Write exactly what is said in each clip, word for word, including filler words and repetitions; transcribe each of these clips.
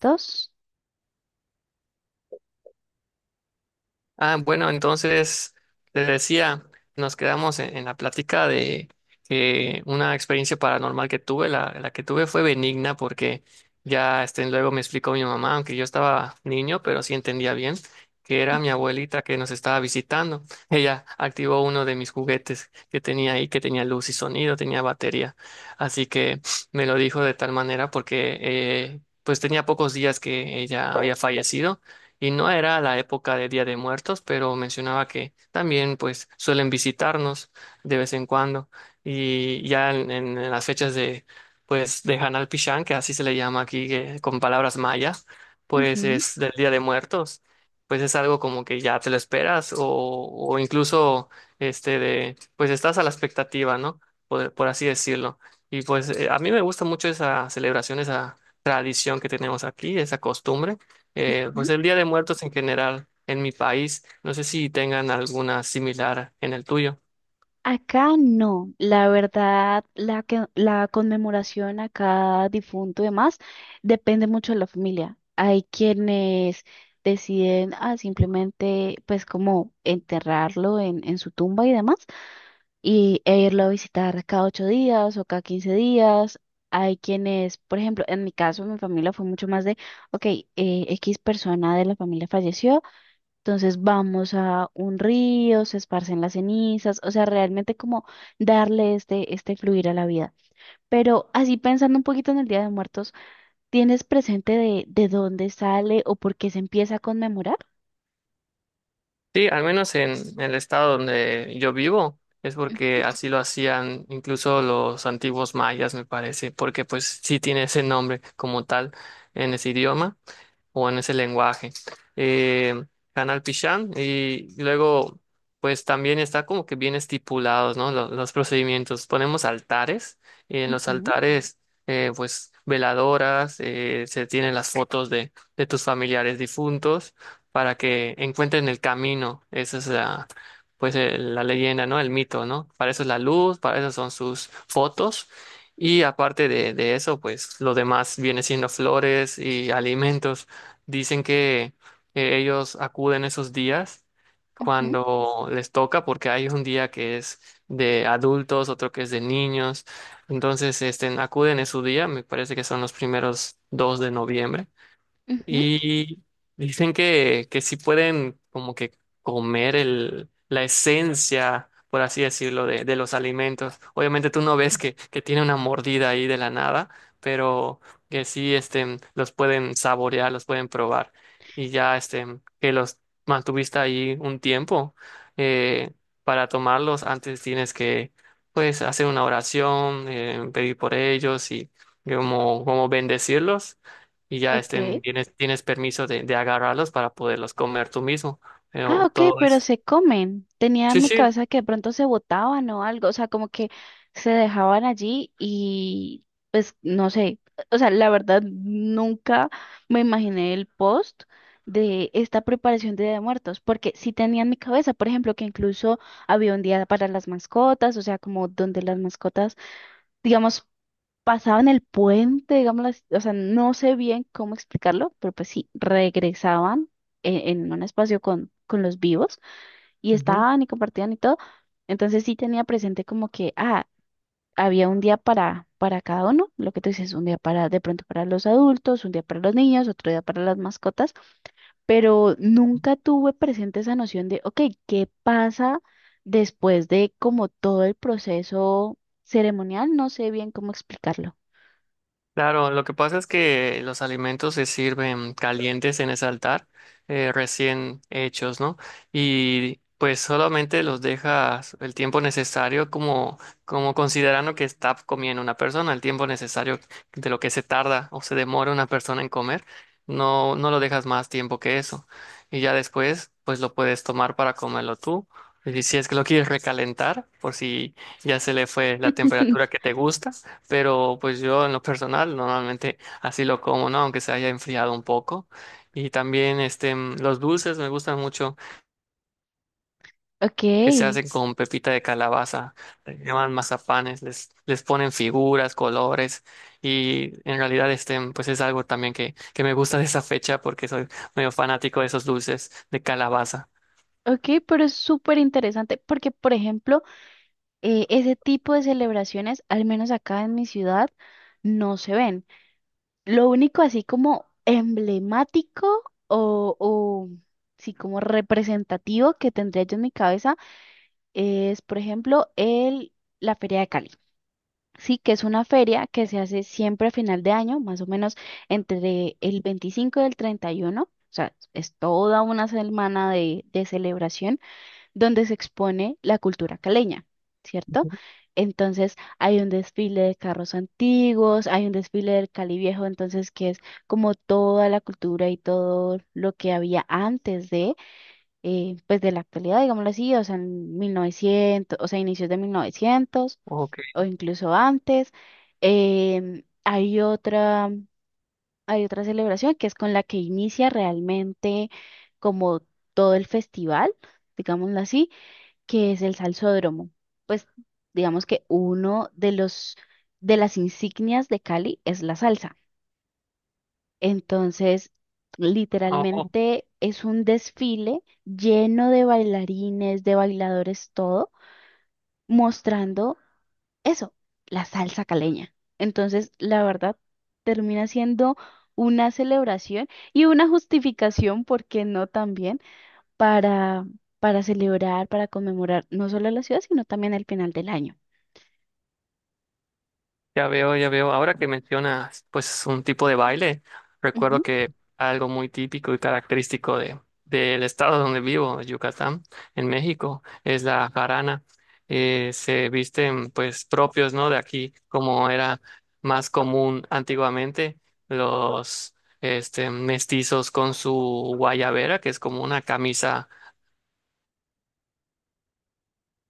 Dos. Ah, bueno, entonces les decía, nos quedamos en, en la plática de que una experiencia paranormal que tuve, la, la que tuve fue benigna porque ya este, luego me explicó mi mamá, aunque yo estaba niño, pero sí entendía bien, que era mi abuelita que nos estaba visitando. Ella activó uno de mis juguetes que tenía ahí, que tenía luz y sonido, tenía batería. Así que me lo dijo de tal manera porque eh, Pues tenía pocos días que ella había fallecido y no era la época de Día de Muertos, pero mencionaba que también pues suelen visitarnos de vez en cuando y ya en, en- en las fechas de pues de Hanal Pichán, que así se le llama aquí que- con palabras mayas, pues Ujú, es del Día de Muertos, pues es algo como que ya te lo esperas o, o incluso este de pues estás a la expectativa, ¿no? Por, por así decirlo. Y pues eh, a mí me gusta mucho esa celebración, esa tradición que tenemos aquí, esa costumbre. Eh, ujú. pues el Día de Muertos en general en mi país, no sé si tengan alguna similar en el tuyo. Acá no, la verdad, la, que- la conmemoración a cada difunto y demás depende mucho de la familia. Hay quienes deciden ah, simplemente pues como enterrarlo en, en su tumba y demás y, e irlo a visitar cada ocho días o cada quince días. Hay quienes, por ejemplo, en mi caso, mi familia fue mucho más de, ok, eh, X persona de la familia falleció. Entonces vamos a un río, se esparcen las cenizas, o sea, realmente como darle este, este fluir a la vida. Pero así pensando un poquito en el Día de Muertos, ¿tienes presente de, de dónde sale o por qué se empieza a conmemorar? Sí, al menos en, el estado donde yo vivo, es porque Ujú, así lo hacían incluso los antiguos mayas, me parece, porque pues sí tiene ese nombre como tal en ese idioma, o en ese lenguaje. Eh, Canal Pichán, y luego pues también está como que bien estipulados, ¿no? Lo- Los, procedimientos. Ponemos altares, y en los ujú, altares eh, pues veladoras, eh, se tienen las fotos de, de tus familiares difuntos para que encuentren el camino. Esa es la... Pues eh, la leyenda, ¿no? El mito, ¿no? Para eso es la luz, para eso son sus fotos. Y aparte de, de eso, pues lo demás viene siendo flores y alimentos. Dicen que eh, ellos acuden esos días ujú, cuando les toca, porque hay un día que es de adultos, otro que es de niños. Entonces, este, acuden en su día, me parece que son los primeros dos de noviembre. ujú. Y dicen que, que sí pueden como que comer el, la esencia, por así decirlo, de, de los alimentos. Obviamente tú no ves que, que tiene una mordida ahí de la nada, pero que sí este, los pueden saborear, los pueden probar. Y ya este, que los mantuviste ahí un tiempo, eh, para tomarlos antes tienes que pues hacer una oración, eh, pedir por ellos y como, como bendecirlos, y ya estén, Ok. tienes, tienes permiso de, de agarrarlos para poderlos comer tú mismo. Ah, Pero ok, todo pero es. se comen. Tenía en Sí, mi sí. cabeza que de pronto se botaban o algo, o sea, como que se dejaban allí y pues no sé, o sea, la verdad nunca me imaginé el post de esta preparación de Día de Muertos, porque sí tenía en mi cabeza, por ejemplo, que incluso había un día para las mascotas, o sea, como donde las mascotas, digamos, pasaban el puente, digamos, las- o sea, no sé bien cómo explicarlo, pero pues sí, regresaban en, en un espacio con, con los vivos y estaban y compartían y todo. Entonces sí tenía presente como que, ah, había un día para, para cada uno, lo que tú dices, un día para, de pronto para los adultos, un día para los niños, otro día para las mascotas, pero nunca tuve presente esa noción de, ok, ¿qué pasa después de como todo el proceso ceremonial? No sé bien cómo explicarlo. Claro, lo que pasa es que los alimentos se sirven calientes en ese altar, eh, recién hechos, ¿no? Y pues solamente los dejas el tiempo necesario como, como considerando que está comiendo una persona, el tiempo necesario de lo que se tarda o se demora una persona en comer. No, no lo dejas más tiempo que eso. Y ya después, pues lo puedes tomar para comerlo tú. Y si es que lo quieres recalentar, por si ya se le fue la temperatura que te gusta. Pero pues yo en lo personal normalmente así lo como, ¿no? Aunque se haya enfriado un poco. Y también este, mm, los dulces me gustan mucho, Ok, que se hacen con pepita de calabaza. Le llaman mazapanes, les, les ponen figuras, colores. Y en realidad este, mm, pues es algo también que, que me gusta de esa fecha porque soy medio fanático de esos dulces de calabaza. Ok, pero es súper interesante porque, por ejemplo, eh, ese tipo de celebraciones, al menos acá en mi ciudad, no se ven. Lo único así como emblemático o, o sí, como representativo que tendría yo en mi cabeza es, por ejemplo, el, la Feria de Cali. Sí, que es una feria que se hace siempre a final de año, más o menos entre el veinticinco y el treinta y uno. O sea, es toda una semana de de celebración donde se expone la cultura caleña, ¿cierto? Ujú. Entonces hay un desfile de carros antiguos, hay un desfile del Cali Viejo, entonces que es como toda la cultura y todo lo que había antes de, eh, pues de la actualidad, digámoslo así, o sea, en mil novecientos, o sea, inicios de mil novecientos Ok. o incluso antes. Em, hay otra, hay otra celebración que es con la que inicia realmente como todo el festival, digámoslo así que es el salsódromo. Pues digamos que uno de los de las insignias de Cali es la salsa. Entonces, Oh, literalmente es un desfile lleno de bailarines, de bailadores, todo, mostrando eso, la salsa caleña. Entonces, la verdad, termina siendo una celebración y una justificación, ¿por qué no también? Para, para celebrar, para conmemorar no solo la ciudad, sino también el final del año. ya veo, ya veo. Ahora que mencionas, pues, un tipo de baile, recuerdo Ujú, que algo muy típico y característico de, del estado donde vivo, Yucatán, en México, es la jarana. Eh, se visten, pues, propios, ¿no? De aquí, como era más común antiguamente, los, este, mestizos con su guayabera, que es como una camisa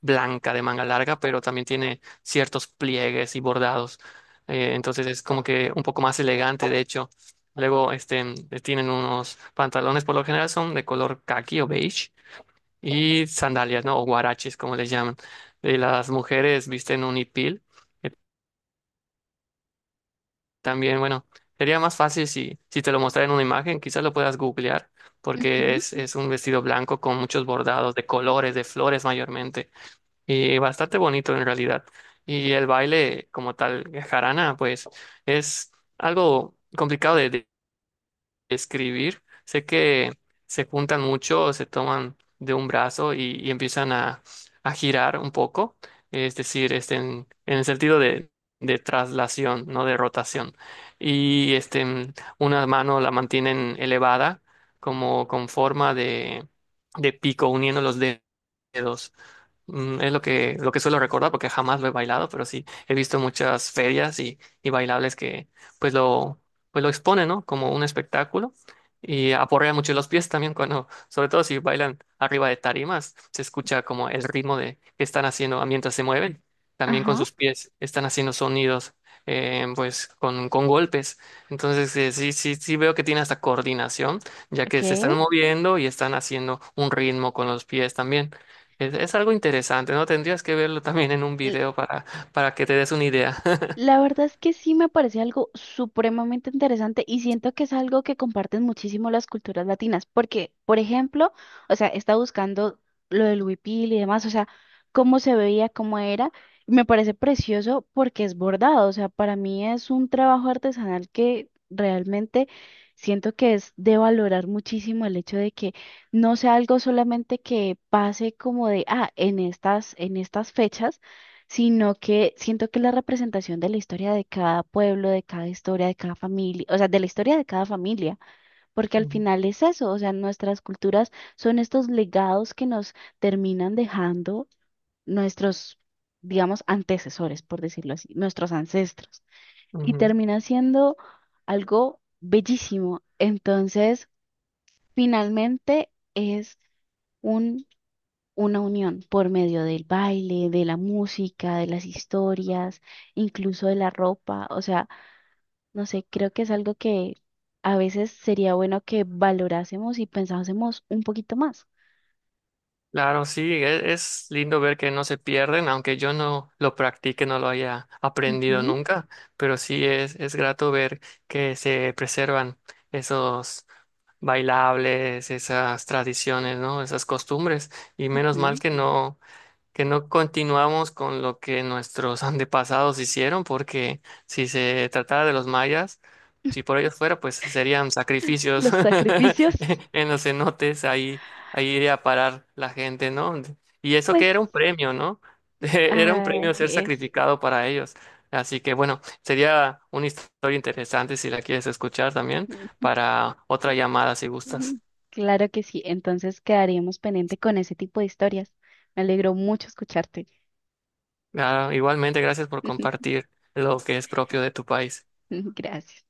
blanca de manga larga, pero también tiene ciertos pliegues y bordados. Eh, entonces es como que un poco más elegante, de hecho. Luego este, tienen unos pantalones, por lo general son de color caqui o beige, y sandalias, ¿no? O guaraches, como les llaman. Eh, las mujeres visten un hipil, que también, bueno, sería más fácil si, si te lo mostrara en una imagen, quizás lo puedas googlear, porque ujú, es, es un vestido blanco con muchos bordados de colores, de flores mayormente. Y bastante bonito en realidad. Y el baile como tal, jarana, pues es algo complicado de de- describir. Sé que se juntan mucho, se toman de un brazo y, y empiezan a, a girar un poco, es decir, este, en, en el sentido de, de traslación, no de rotación. Y este, una mano la mantienen elevada, como con forma de, de pico, uniendo los dedos. Mm, Es lo que, lo que, suelo recordar porque jamás lo he bailado, pero sí he visto muchas ferias y, y bailables que pues lo, pues lo exponen, ¿no? Como un espectáculo, y aporrean mucho los pies también cuando, sobre todo si bailan arriba de tarimas, se escucha como el ritmo de que están haciendo, ah, mientras se mueven. También con ajá, sus pies están haciendo sonidos, eh, pues con, con, golpes. Entonces eh, sí, sí, sí veo que tiene hasta coordinación, ya ok. que se están moviendo y están haciendo un ritmo con los pies también. Es, es algo interesante, ¿no? Tendrías que verlo también en un L- video para, para que te des una idea. La verdad es que sí me parece algo supremamente interesante y siento que es algo que comparten muchísimo las culturas latinas, porque, por ejemplo, o sea, está buscando lo del huipil y demás, o sea, cómo se veía, cómo era, y me parece precioso porque es bordado, o sea, para mí es un trabajo artesanal que realmente siento que es de valorar muchísimo el hecho de que no sea algo solamente que pase como de, ah, en estas, en estas fechas sino que siento que la representación de la historia de cada pueblo, de cada historia, de cada familia, o sea, de la historia de cada familia, porque al Ujú, final es eso, o sea, nuestras culturas son estos legados que nos terminan dejando nuestros, digamos, antecesores, por decirlo así, nuestros ancestros, y ujú. termina siendo algo bellísimo. Entonces, finalmente es un una unión por medio del baile, de la música, de las historias, incluso de la ropa. O sea, no sé, creo que es algo que a veces sería bueno que valorásemos y pensásemos un poquito más. Claro, sí, e- es, lindo ver que no se pierden, aunque yo no lo practique, no lo haya aprendido Ujú, nunca, pero sí es, es grato ver que se preservan esos bailables, esas tradiciones, ¿no? Esas costumbres, y menos mal ujú. que no, que no continuamos con lo que nuestros antepasados hicieron, porque si se tratara de los mayas, si por ellos fuera, pues serían sacrificios Los sacrificios, en los cenotes, ahí, ahí iría a parar la gente, ¿no? Y eso que pues, era un premio, ¿no? Era un ah, premio ser es... sacrificado para ellos. Así que bueno, sería una historia interesante si la quieres escuchar también para otra llamada si gustas. Ujú. Claro que sí, entonces quedaríamos pendiente con ese tipo de historias. Me alegró mucho escucharte. Ah, igualmente, gracias por compartir lo que es propio de tu país. Gracias.